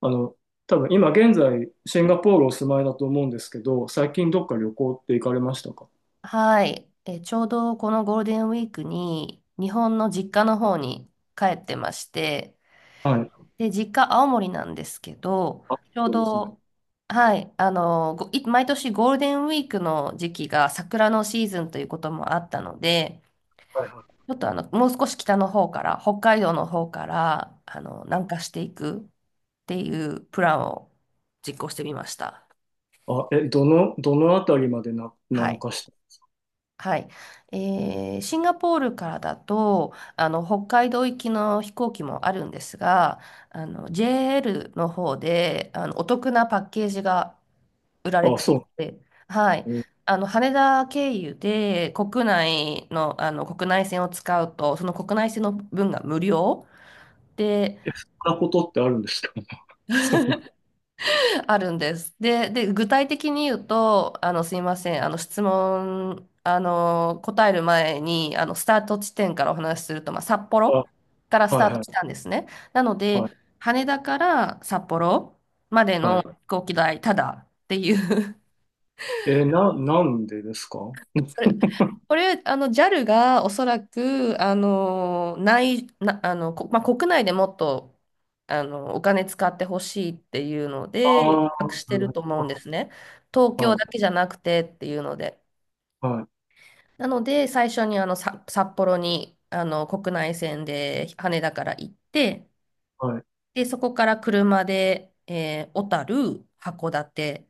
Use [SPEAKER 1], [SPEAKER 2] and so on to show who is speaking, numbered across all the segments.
[SPEAKER 1] あの、多分今現在シンガポールお住まいだと思うんですけど、最近どっか旅行って行かれましたか？
[SPEAKER 2] はい、ちょうどこのゴールデンウィークに日本の実家の方に帰ってまして、
[SPEAKER 1] はい。
[SPEAKER 2] で、実家青森なんですけど、
[SPEAKER 1] あ、
[SPEAKER 2] ちょう
[SPEAKER 1] そうですね。
[SPEAKER 2] ど、はい、毎年ゴールデンウィークの時期が桜のシーズンということもあったので、
[SPEAKER 1] はいはい。
[SPEAKER 2] ちょっともう少し北の方から、北海道の方から、南下していくっていうプランを実行してみました。
[SPEAKER 1] あ、どのあたりまでな、
[SPEAKER 2] は
[SPEAKER 1] 南
[SPEAKER 2] い。
[SPEAKER 1] 下し
[SPEAKER 2] はい。シンガポールからだと、北海道行きの飛行機もあるんですが、JL の方で、お得なパッケージが売られ
[SPEAKER 1] たあ、
[SPEAKER 2] て
[SPEAKER 1] そ
[SPEAKER 2] い
[SPEAKER 1] う
[SPEAKER 2] て、はい。
[SPEAKER 1] なんですね。
[SPEAKER 2] 羽田経由で国内の、国内線を使うと、その国内線の分が無料。で、
[SPEAKER 1] え、そんなことってあるんですか？ そうなんだ。
[SPEAKER 2] あるんです。で、具体的に言うと、すいません、あの、質問、あの、答える前に、スタート地点からお話しすると、まあ、札幌からス
[SPEAKER 1] あ、
[SPEAKER 2] タ
[SPEAKER 1] は
[SPEAKER 2] ー
[SPEAKER 1] い
[SPEAKER 2] ト
[SPEAKER 1] は
[SPEAKER 2] した
[SPEAKER 1] い。
[SPEAKER 2] んですね。なの
[SPEAKER 1] は
[SPEAKER 2] で、
[SPEAKER 1] い
[SPEAKER 2] 羽田から札幌まで
[SPEAKER 1] は
[SPEAKER 2] の
[SPEAKER 1] い。
[SPEAKER 2] 飛行機代、ただっていう
[SPEAKER 1] え、なんでですか？
[SPEAKER 2] それ、これ、JAL がおそらく、あの、内、な、あの、こ、まあ、国内でもっと、お金使ってほしいっていうの
[SPEAKER 1] あ
[SPEAKER 2] で、
[SPEAKER 1] あー、
[SPEAKER 2] 企画し
[SPEAKER 1] な
[SPEAKER 2] て
[SPEAKER 1] る
[SPEAKER 2] る
[SPEAKER 1] ほ
[SPEAKER 2] と思うん
[SPEAKER 1] ど。
[SPEAKER 2] ですね。東
[SPEAKER 1] は
[SPEAKER 2] 京だ
[SPEAKER 1] い
[SPEAKER 2] けじゃなくてっていうので。
[SPEAKER 1] はい
[SPEAKER 2] なので、最初に札幌に、国内線で羽田から行って、
[SPEAKER 1] はい。
[SPEAKER 2] で、そこから車で、小樽、函館、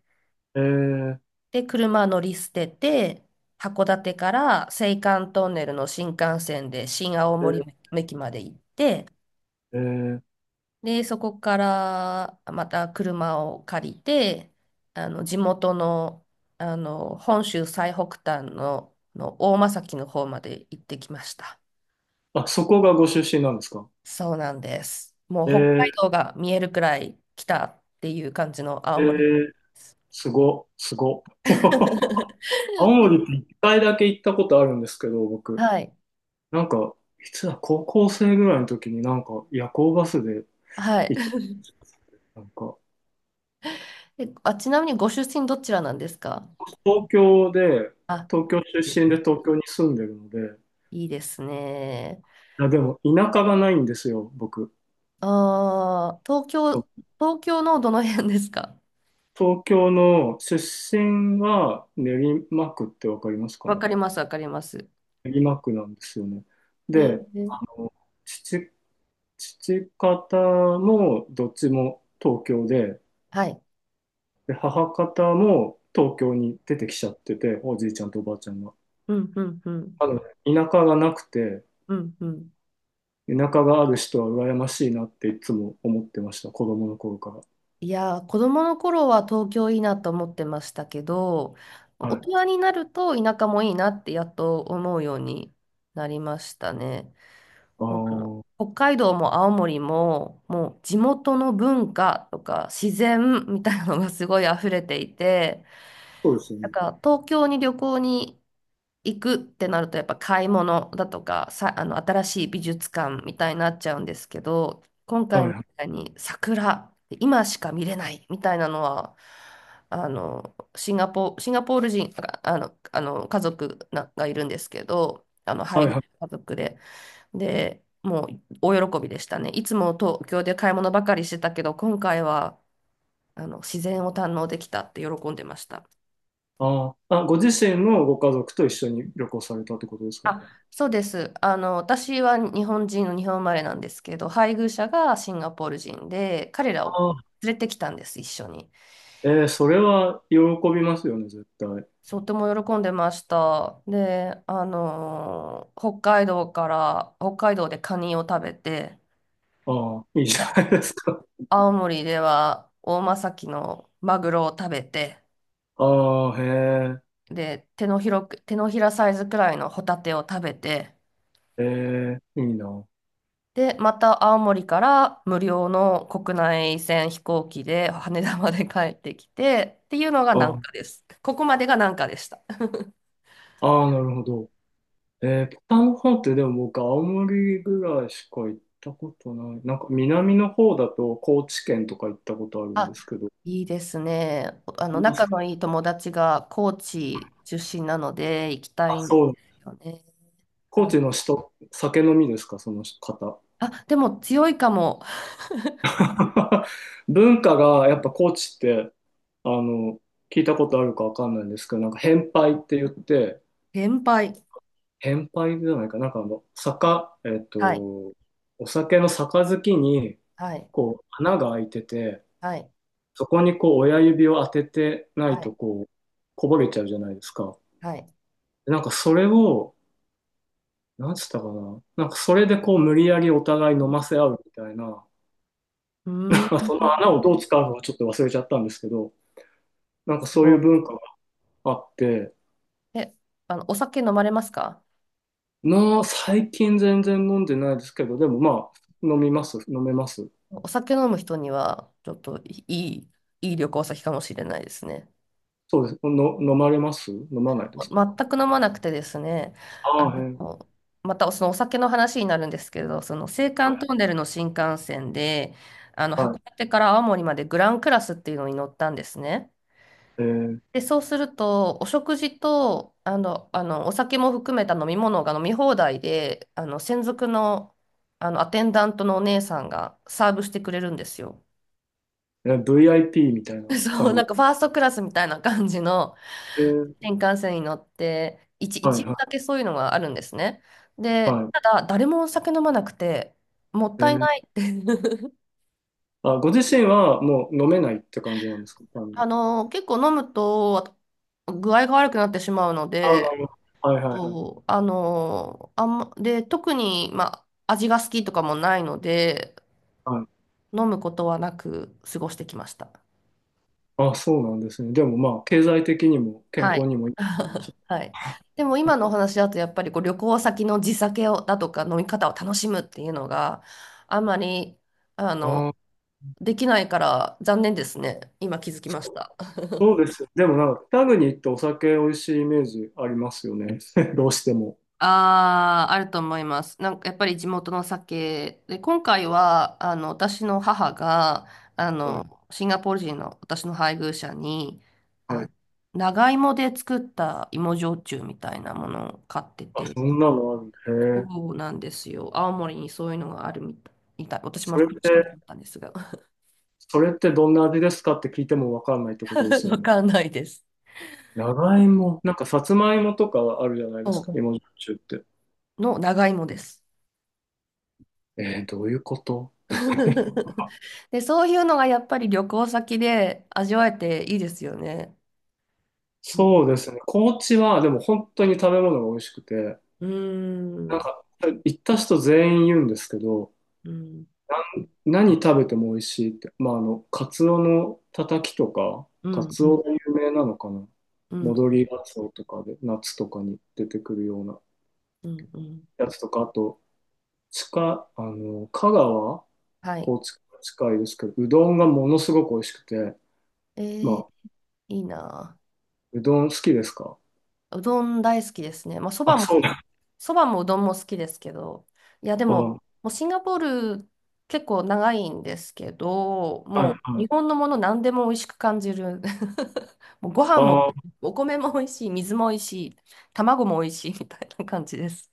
[SPEAKER 1] えー、
[SPEAKER 2] で、車乗り捨てて、函館から青函トンネルの新幹線で新青
[SPEAKER 1] え
[SPEAKER 2] 森
[SPEAKER 1] ー、
[SPEAKER 2] 駅まで行って、
[SPEAKER 1] えー
[SPEAKER 2] で、そこからまた車を借りて、地元の、本州最北端の大間崎の方まで行ってきました。
[SPEAKER 1] あ、そこがご出身なんですか？
[SPEAKER 2] そうなんです。もう
[SPEAKER 1] え
[SPEAKER 2] 北海
[SPEAKER 1] ー、
[SPEAKER 2] 道が見えるくらい来たっていう感じの
[SPEAKER 1] え
[SPEAKER 2] 青森
[SPEAKER 1] ー、
[SPEAKER 2] です。
[SPEAKER 1] すご、すご。青森って一回だけ行ったことあるんですけど、僕、
[SPEAKER 2] はい。
[SPEAKER 1] なんか、いつだ、高校生ぐらいの時になんか夜行バスで
[SPEAKER 2] はい。
[SPEAKER 1] 行ったんですよ。なんか、
[SPEAKER 2] ちなみにご出身どちらなんですか？
[SPEAKER 1] 東京で、
[SPEAKER 2] あ、
[SPEAKER 1] 東京出身で東京に住んでるので、
[SPEAKER 2] いいですね。
[SPEAKER 1] いやでも田舎がないんですよ、僕。
[SPEAKER 2] ああ、東京、東京のどの辺ですか？
[SPEAKER 1] 東京の出身は練馬区ってわかりますか
[SPEAKER 2] わ
[SPEAKER 1] ね？
[SPEAKER 2] かります、わかります。
[SPEAKER 1] 練馬区なんですよね。
[SPEAKER 2] え
[SPEAKER 1] で、
[SPEAKER 2] ー、
[SPEAKER 1] 父、父方もどっちも東京で、
[SPEAKER 2] はい。
[SPEAKER 1] で、母方も東京に出てきちゃってて、おじいちゃんとおばあちゃんが。
[SPEAKER 2] うん、うん、うん、
[SPEAKER 1] あの、田舎がなくて、
[SPEAKER 2] うん、うん。
[SPEAKER 1] 田舎がある人は羨ましいなっていつも思ってました、子供の頃か
[SPEAKER 2] いやー、子供の頃は東京いいなと思ってましたけど、
[SPEAKER 1] ら。
[SPEAKER 2] 大
[SPEAKER 1] はい。
[SPEAKER 2] 人になると田舎もいいなってやっと思うようになりましたね。
[SPEAKER 1] ああ、
[SPEAKER 2] もう
[SPEAKER 1] そ
[SPEAKER 2] 北海道も青森も、もう地元の文化とか自然みたいなのがすごい溢れていて、
[SPEAKER 1] うですよ
[SPEAKER 2] なん
[SPEAKER 1] ね。
[SPEAKER 2] か東京に旅行に行くってなるとやっぱ買い物だとかさ、あの新しい美術館みたいになっちゃうんですけど、今
[SPEAKER 1] は
[SPEAKER 2] 回
[SPEAKER 1] い
[SPEAKER 2] み
[SPEAKER 1] はい。
[SPEAKER 2] たいに桜、今しか見れないみたいなのは、シンガポール人、あの家族ながいるんですけど、あの
[SPEAKER 1] はい
[SPEAKER 2] 配偶
[SPEAKER 1] はい。
[SPEAKER 2] 家族で。で、もう大喜びでしたね。いつも東京で買い物ばかりしてたけど、今回はあの自然を堪能できたって喜んでました。
[SPEAKER 1] ご自身のご家族と一緒に旅行されたってことですか？
[SPEAKER 2] あ、そうです。私は日本人の日本生まれなんですけど、配偶者がシンガポール人で、彼ら
[SPEAKER 1] あ
[SPEAKER 2] を
[SPEAKER 1] あ。
[SPEAKER 2] 連れてきたんです、一緒に。
[SPEAKER 1] それは喜びますよね、絶対。
[SPEAKER 2] とても喜んでました。で、北海道でカニを食べて、
[SPEAKER 1] ああ、いいじ
[SPEAKER 2] い
[SPEAKER 1] ゃ
[SPEAKER 2] や
[SPEAKER 1] ないですか。
[SPEAKER 2] 青森では大間きのマグロを食べて、
[SPEAKER 1] ああ、へ
[SPEAKER 2] で、手のひらサイズくらいのホタテを食べて、
[SPEAKER 1] え、ええ、いいな。
[SPEAKER 2] で、また青森から無料の国内線飛行機で羽田まで帰ってきてっていうのが
[SPEAKER 1] あ
[SPEAKER 2] 南
[SPEAKER 1] あ、
[SPEAKER 2] 下です。ここまでが南下でした。
[SPEAKER 1] ああなるほど。北の方ってでも僕、青森ぐらいしか行ったことない。なんか南の方だと高知県とか行ったことあるん
[SPEAKER 2] あ、
[SPEAKER 1] ですけど。い
[SPEAKER 2] いいですね。
[SPEAKER 1] ます
[SPEAKER 2] 仲
[SPEAKER 1] か？
[SPEAKER 2] のいい友達が高知出身なので行きた
[SPEAKER 1] あ、
[SPEAKER 2] いんで
[SPEAKER 1] そう。
[SPEAKER 2] すよね。
[SPEAKER 1] 高
[SPEAKER 2] はい。
[SPEAKER 1] 知の人、酒飲みですか、その方？
[SPEAKER 2] あ、でも強いかも。
[SPEAKER 1] 文化がやっぱ高知って、あの、聞いたことあるかわかんないんですけど、なんか変杯って言って、
[SPEAKER 2] 先輩。
[SPEAKER 1] 変杯じゃないか、なんかえっ
[SPEAKER 2] はい。
[SPEAKER 1] と、お酒の杯に、
[SPEAKER 2] はい。
[SPEAKER 1] こう、穴が開いてて、
[SPEAKER 2] はい。
[SPEAKER 1] そこにこう親指を当ててない
[SPEAKER 2] は
[SPEAKER 1] と
[SPEAKER 2] い。
[SPEAKER 1] こう、こぼれちゃうじゃないですか。
[SPEAKER 2] はい。
[SPEAKER 1] でなんかそれを、なんつったかな。なんかそれでこう無理やりお互い飲ませ合うみたいな、ま
[SPEAKER 2] うー
[SPEAKER 1] あ、そ
[SPEAKER 2] ん。
[SPEAKER 1] の穴をどう使うのかちょっと忘れちゃったんですけど、なんか
[SPEAKER 2] す
[SPEAKER 1] そうい
[SPEAKER 2] ご
[SPEAKER 1] う文化があって、
[SPEAKER 2] い。え、あの、お酒飲まれますか？
[SPEAKER 1] まあ最近全然飲んでないですけど、でもまあ飲みます、飲めます。
[SPEAKER 2] お酒飲む人には、ちょっといい、いい旅行先かもしれないですね。
[SPEAKER 1] そうです。飲まれます飲まないですか？
[SPEAKER 2] ま全く飲まなくてですね、あ
[SPEAKER 1] ああ、へえ。
[SPEAKER 2] の、またそのお酒の話になるんですけど、その青
[SPEAKER 1] は
[SPEAKER 2] 函ト
[SPEAKER 1] い、
[SPEAKER 2] ンネルの新幹線で、函
[SPEAKER 1] は
[SPEAKER 2] 館から青森までグランクラスっていうのに乗ったんですね。
[SPEAKER 1] い。
[SPEAKER 2] で、そうすると、お食事と、お酒も含めた飲み物が飲み放題で、専属の、アテンダントのお姉さんがサーブしてくれるんですよ。
[SPEAKER 1] VIP みたい な
[SPEAKER 2] そう、
[SPEAKER 1] 感じ。
[SPEAKER 2] なんかファーストクラスみたいな感じの
[SPEAKER 1] えー
[SPEAKER 2] 新幹線に乗って、
[SPEAKER 1] はい、
[SPEAKER 2] 一部
[SPEAKER 1] は
[SPEAKER 2] だけそういうのがあるんですね。
[SPEAKER 1] い、
[SPEAKER 2] で、
[SPEAKER 1] はい。
[SPEAKER 2] ただ誰もお酒飲まなくて、もっ
[SPEAKER 1] え
[SPEAKER 2] たい
[SPEAKER 1] ー
[SPEAKER 2] ないって。
[SPEAKER 1] あ、ご自身はもう飲めないって感じなんですかあ に
[SPEAKER 2] 結構飲むと具合が悪くなってしまうの
[SPEAKER 1] あ、な
[SPEAKER 2] で、
[SPEAKER 1] るほど。はいはいはい。
[SPEAKER 2] そう、で、特に、まあ、味が好きとかもないので、
[SPEAKER 1] はい。
[SPEAKER 2] 飲むことはなく過ごしてきました。
[SPEAKER 1] あ、そうなんですね。でもまあ、経済的にも健
[SPEAKER 2] は
[SPEAKER 1] 康
[SPEAKER 2] い。
[SPEAKER 1] にもいいですよね。
[SPEAKER 2] はい。でも今のお話だとやっぱりこう旅行先の地酒をだとか飲み方を楽しむっていうのがあんまりあの
[SPEAKER 1] ああ、
[SPEAKER 2] できないから残念ですね。今気づきまし
[SPEAKER 1] そう
[SPEAKER 2] た。
[SPEAKER 1] そうですよ。でもなんか、北国行ってお酒美味しいイメージありますよね。どうしても。
[SPEAKER 2] ああ、あると思います。なんかやっぱり地元の酒で、今回はあの私の母があ
[SPEAKER 1] はい。
[SPEAKER 2] のシンガポール人の私の配偶者に
[SPEAKER 1] は
[SPEAKER 2] あ
[SPEAKER 1] い。
[SPEAKER 2] 長芋で作った芋焼酎みたいなものを買って
[SPEAKER 1] あ、
[SPEAKER 2] て。
[SPEAKER 1] そんなのある。へ
[SPEAKER 2] そ
[SPEAKER 1] え。
[SPEAKER 2] うなんですよ。青森にそういうのがあるみたい。みたい私も
[SPEAKER 1] そ
[SPEAKER 2] こ
[SPEAKER 1] れっ
[SPEAKER 2] っちからだ
[SPEAKER 1] て、
[SPEAKER 2] ったんですが。
[SPEAKER 1] それってどんな味ですかって聞いてもわかんないって ことですよ
[SPEAKER 2] わ
[SPEAKER 1] ね。
[SPEAKER 2] かんないです。
[SPEAKER 1] 長芋、なんかさつまいもとかあるじゃないです
[SPEAKER 2] そ
[SPEAKER 1] か、芋焼酎って。
[SPEAKER 2] うの長芋です。
[SPEAKER 1] えー、どういうこと？
[SPEAKER 2] で、そういうのがやっぱり旅行先で味わえていいですよね。うん、
[SPEAKER 1] そうですね。高知は、でも本当に食べ物が美味しくて、
[SPEAKER 2] うー
[SPEAKER 1] な
[SPEAKER 2] ん、
[SPEAKER 1] んか、行った人全員言うんですけど、
[SPEAKER 2] うん、
[SPEAKER 1] 何食べても美味しいって。まあ、カツオのたたきとか、
[SPEAKER 2] う
[SPEAKER 1] カ
[SPEAKER 2] ん、
[SPEAKER 1] ツ
[SPEAKER 2] う
[SPEAKER 1] オ
[SPEAKER 2] ん、
[SPEAKER 1] が有名なのかな。
[SPEAKER 2] うん、
[SPEAKER 1] 戻りガツオとかで、夏とかに出てくるような
[SPEAKER 2] うん。うん。
[SPEAKER 1] やつとか、あと、近、あの、香川、
[SPEAKER 2] はい。
[SPEAKER 1] 高知から近いですけど、うどんがものすごく美味しくて、
[SPEAKER 2] えー、
[SPEAKER 1] まあ、
[SPEAKER 2] いいな
[SPEAKER 1] うどん好きですか？
[SPEAKER 2] あ。うどん大好きですね。まあ、
[SPEAKER 1] あ、そうだ。
[SPEAKER 2] そばもうどんも好きですけど、いや、で
[SPEAKER 1] あ、
[SPEAKER 2] も、
[SPEAKER 1] は
[SPEAKER 2] もうシンガポール結構長いんですけど、
[SPEAKER 1] い、
[SPEAKER 2] もう
[SPEAKER 1] は
[SPEAKER 2] 日
[SPEAKER 1] い。
[SPEAKER 2] 本のもの何でも美味しく感じる。もうご飯も、
[SPEAKER 1] あ
[SPEAKER 2] お米も美味しい、水も美味しい、卵も美味しいみたいな感じです。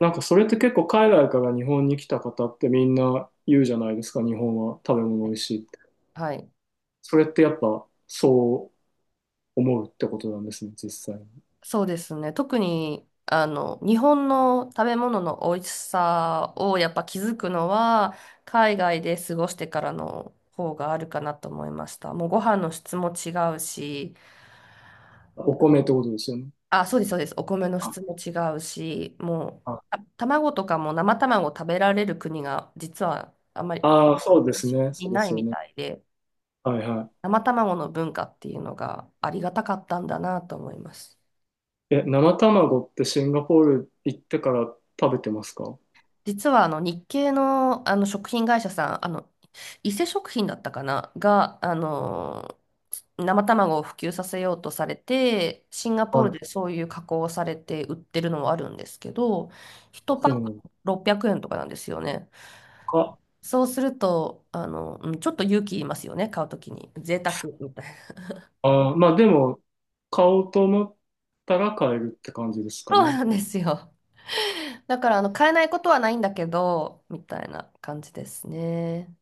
[SPEAKER 1] なんかそれって結構海外から日本に来た方ってみんな言うじゃないですか、日本は食べ物美味しいって。
[SPEAKER 2] はい。
[SPEAKER 1] それってやっぱそう思うってことなんですね、実際に。
[SPEAKER 2] そうですね。特に、日本の食べ物の美味しさをやっぱ気づくのは、海外で過ごしてからの方があるかなと思いました。もうご飯の質も違うし、
[SPEAKER 1] お米ってことですよね。
[SPEAKER 2] あ、そうです、そうです。お米の
[SPEAKER 1] あ
[SPEAKER 2] 質も違うし、もう、
[SPEAKER 1] あ、
[SPEAKER 2] 卵とかも生卵食べられる国が実はあんまり
[SPEAKER 1] そうですね。
[SPEAKER 2] い
[SPEAKER 1] そうで
[SPEAKER 2] ない
[SPEAKER 1] すよ
[SPEAKER 2] み
[SPEAKER 1] ね。
[SPEAKER 2] たいで、
[SPEAKER 1] はいは
[SPEAKER 2] 生卵の文化っていうのがありがたかったんだなと思います。
[SPEAKER 1] い。え、生卵ってシンガポール行ってから食べてますか？
[SPEAKER 2] 実は日系の、食品会社さん、伊勢食品だったかな、が、生卵を普及させようとされて、シンガポ
[SPEAKER 1] は
[SPEAKER 2] ー
[SPEAKER 1] い。
[SPEAKER 2] ルでそういう加工をされて売ってるのもあるんですけど、1パ
[SPEAKER 1] そ
[SPEAKER 2] ッ
[SPEAKER 1] うな
[SPEAKER 2] ク
[SPEAKER 1] の
[SPEAKER 2] 600円とかなんですよね。
[SPEAKER 1] か。
[SPEAKER 2] そうすると、うんちょっと勇気いりますよね、買うときに。贅沢みたいな。
[SPEAKER 1] ああ、まあでも、買おうと思ったら買えるって感じです か
[SPEAKER 2] そう
[SPEAKER 1] ね。
[SPEAKER 2] なんですよ。だから、買えないことはないんだけど、みたいな感じですね。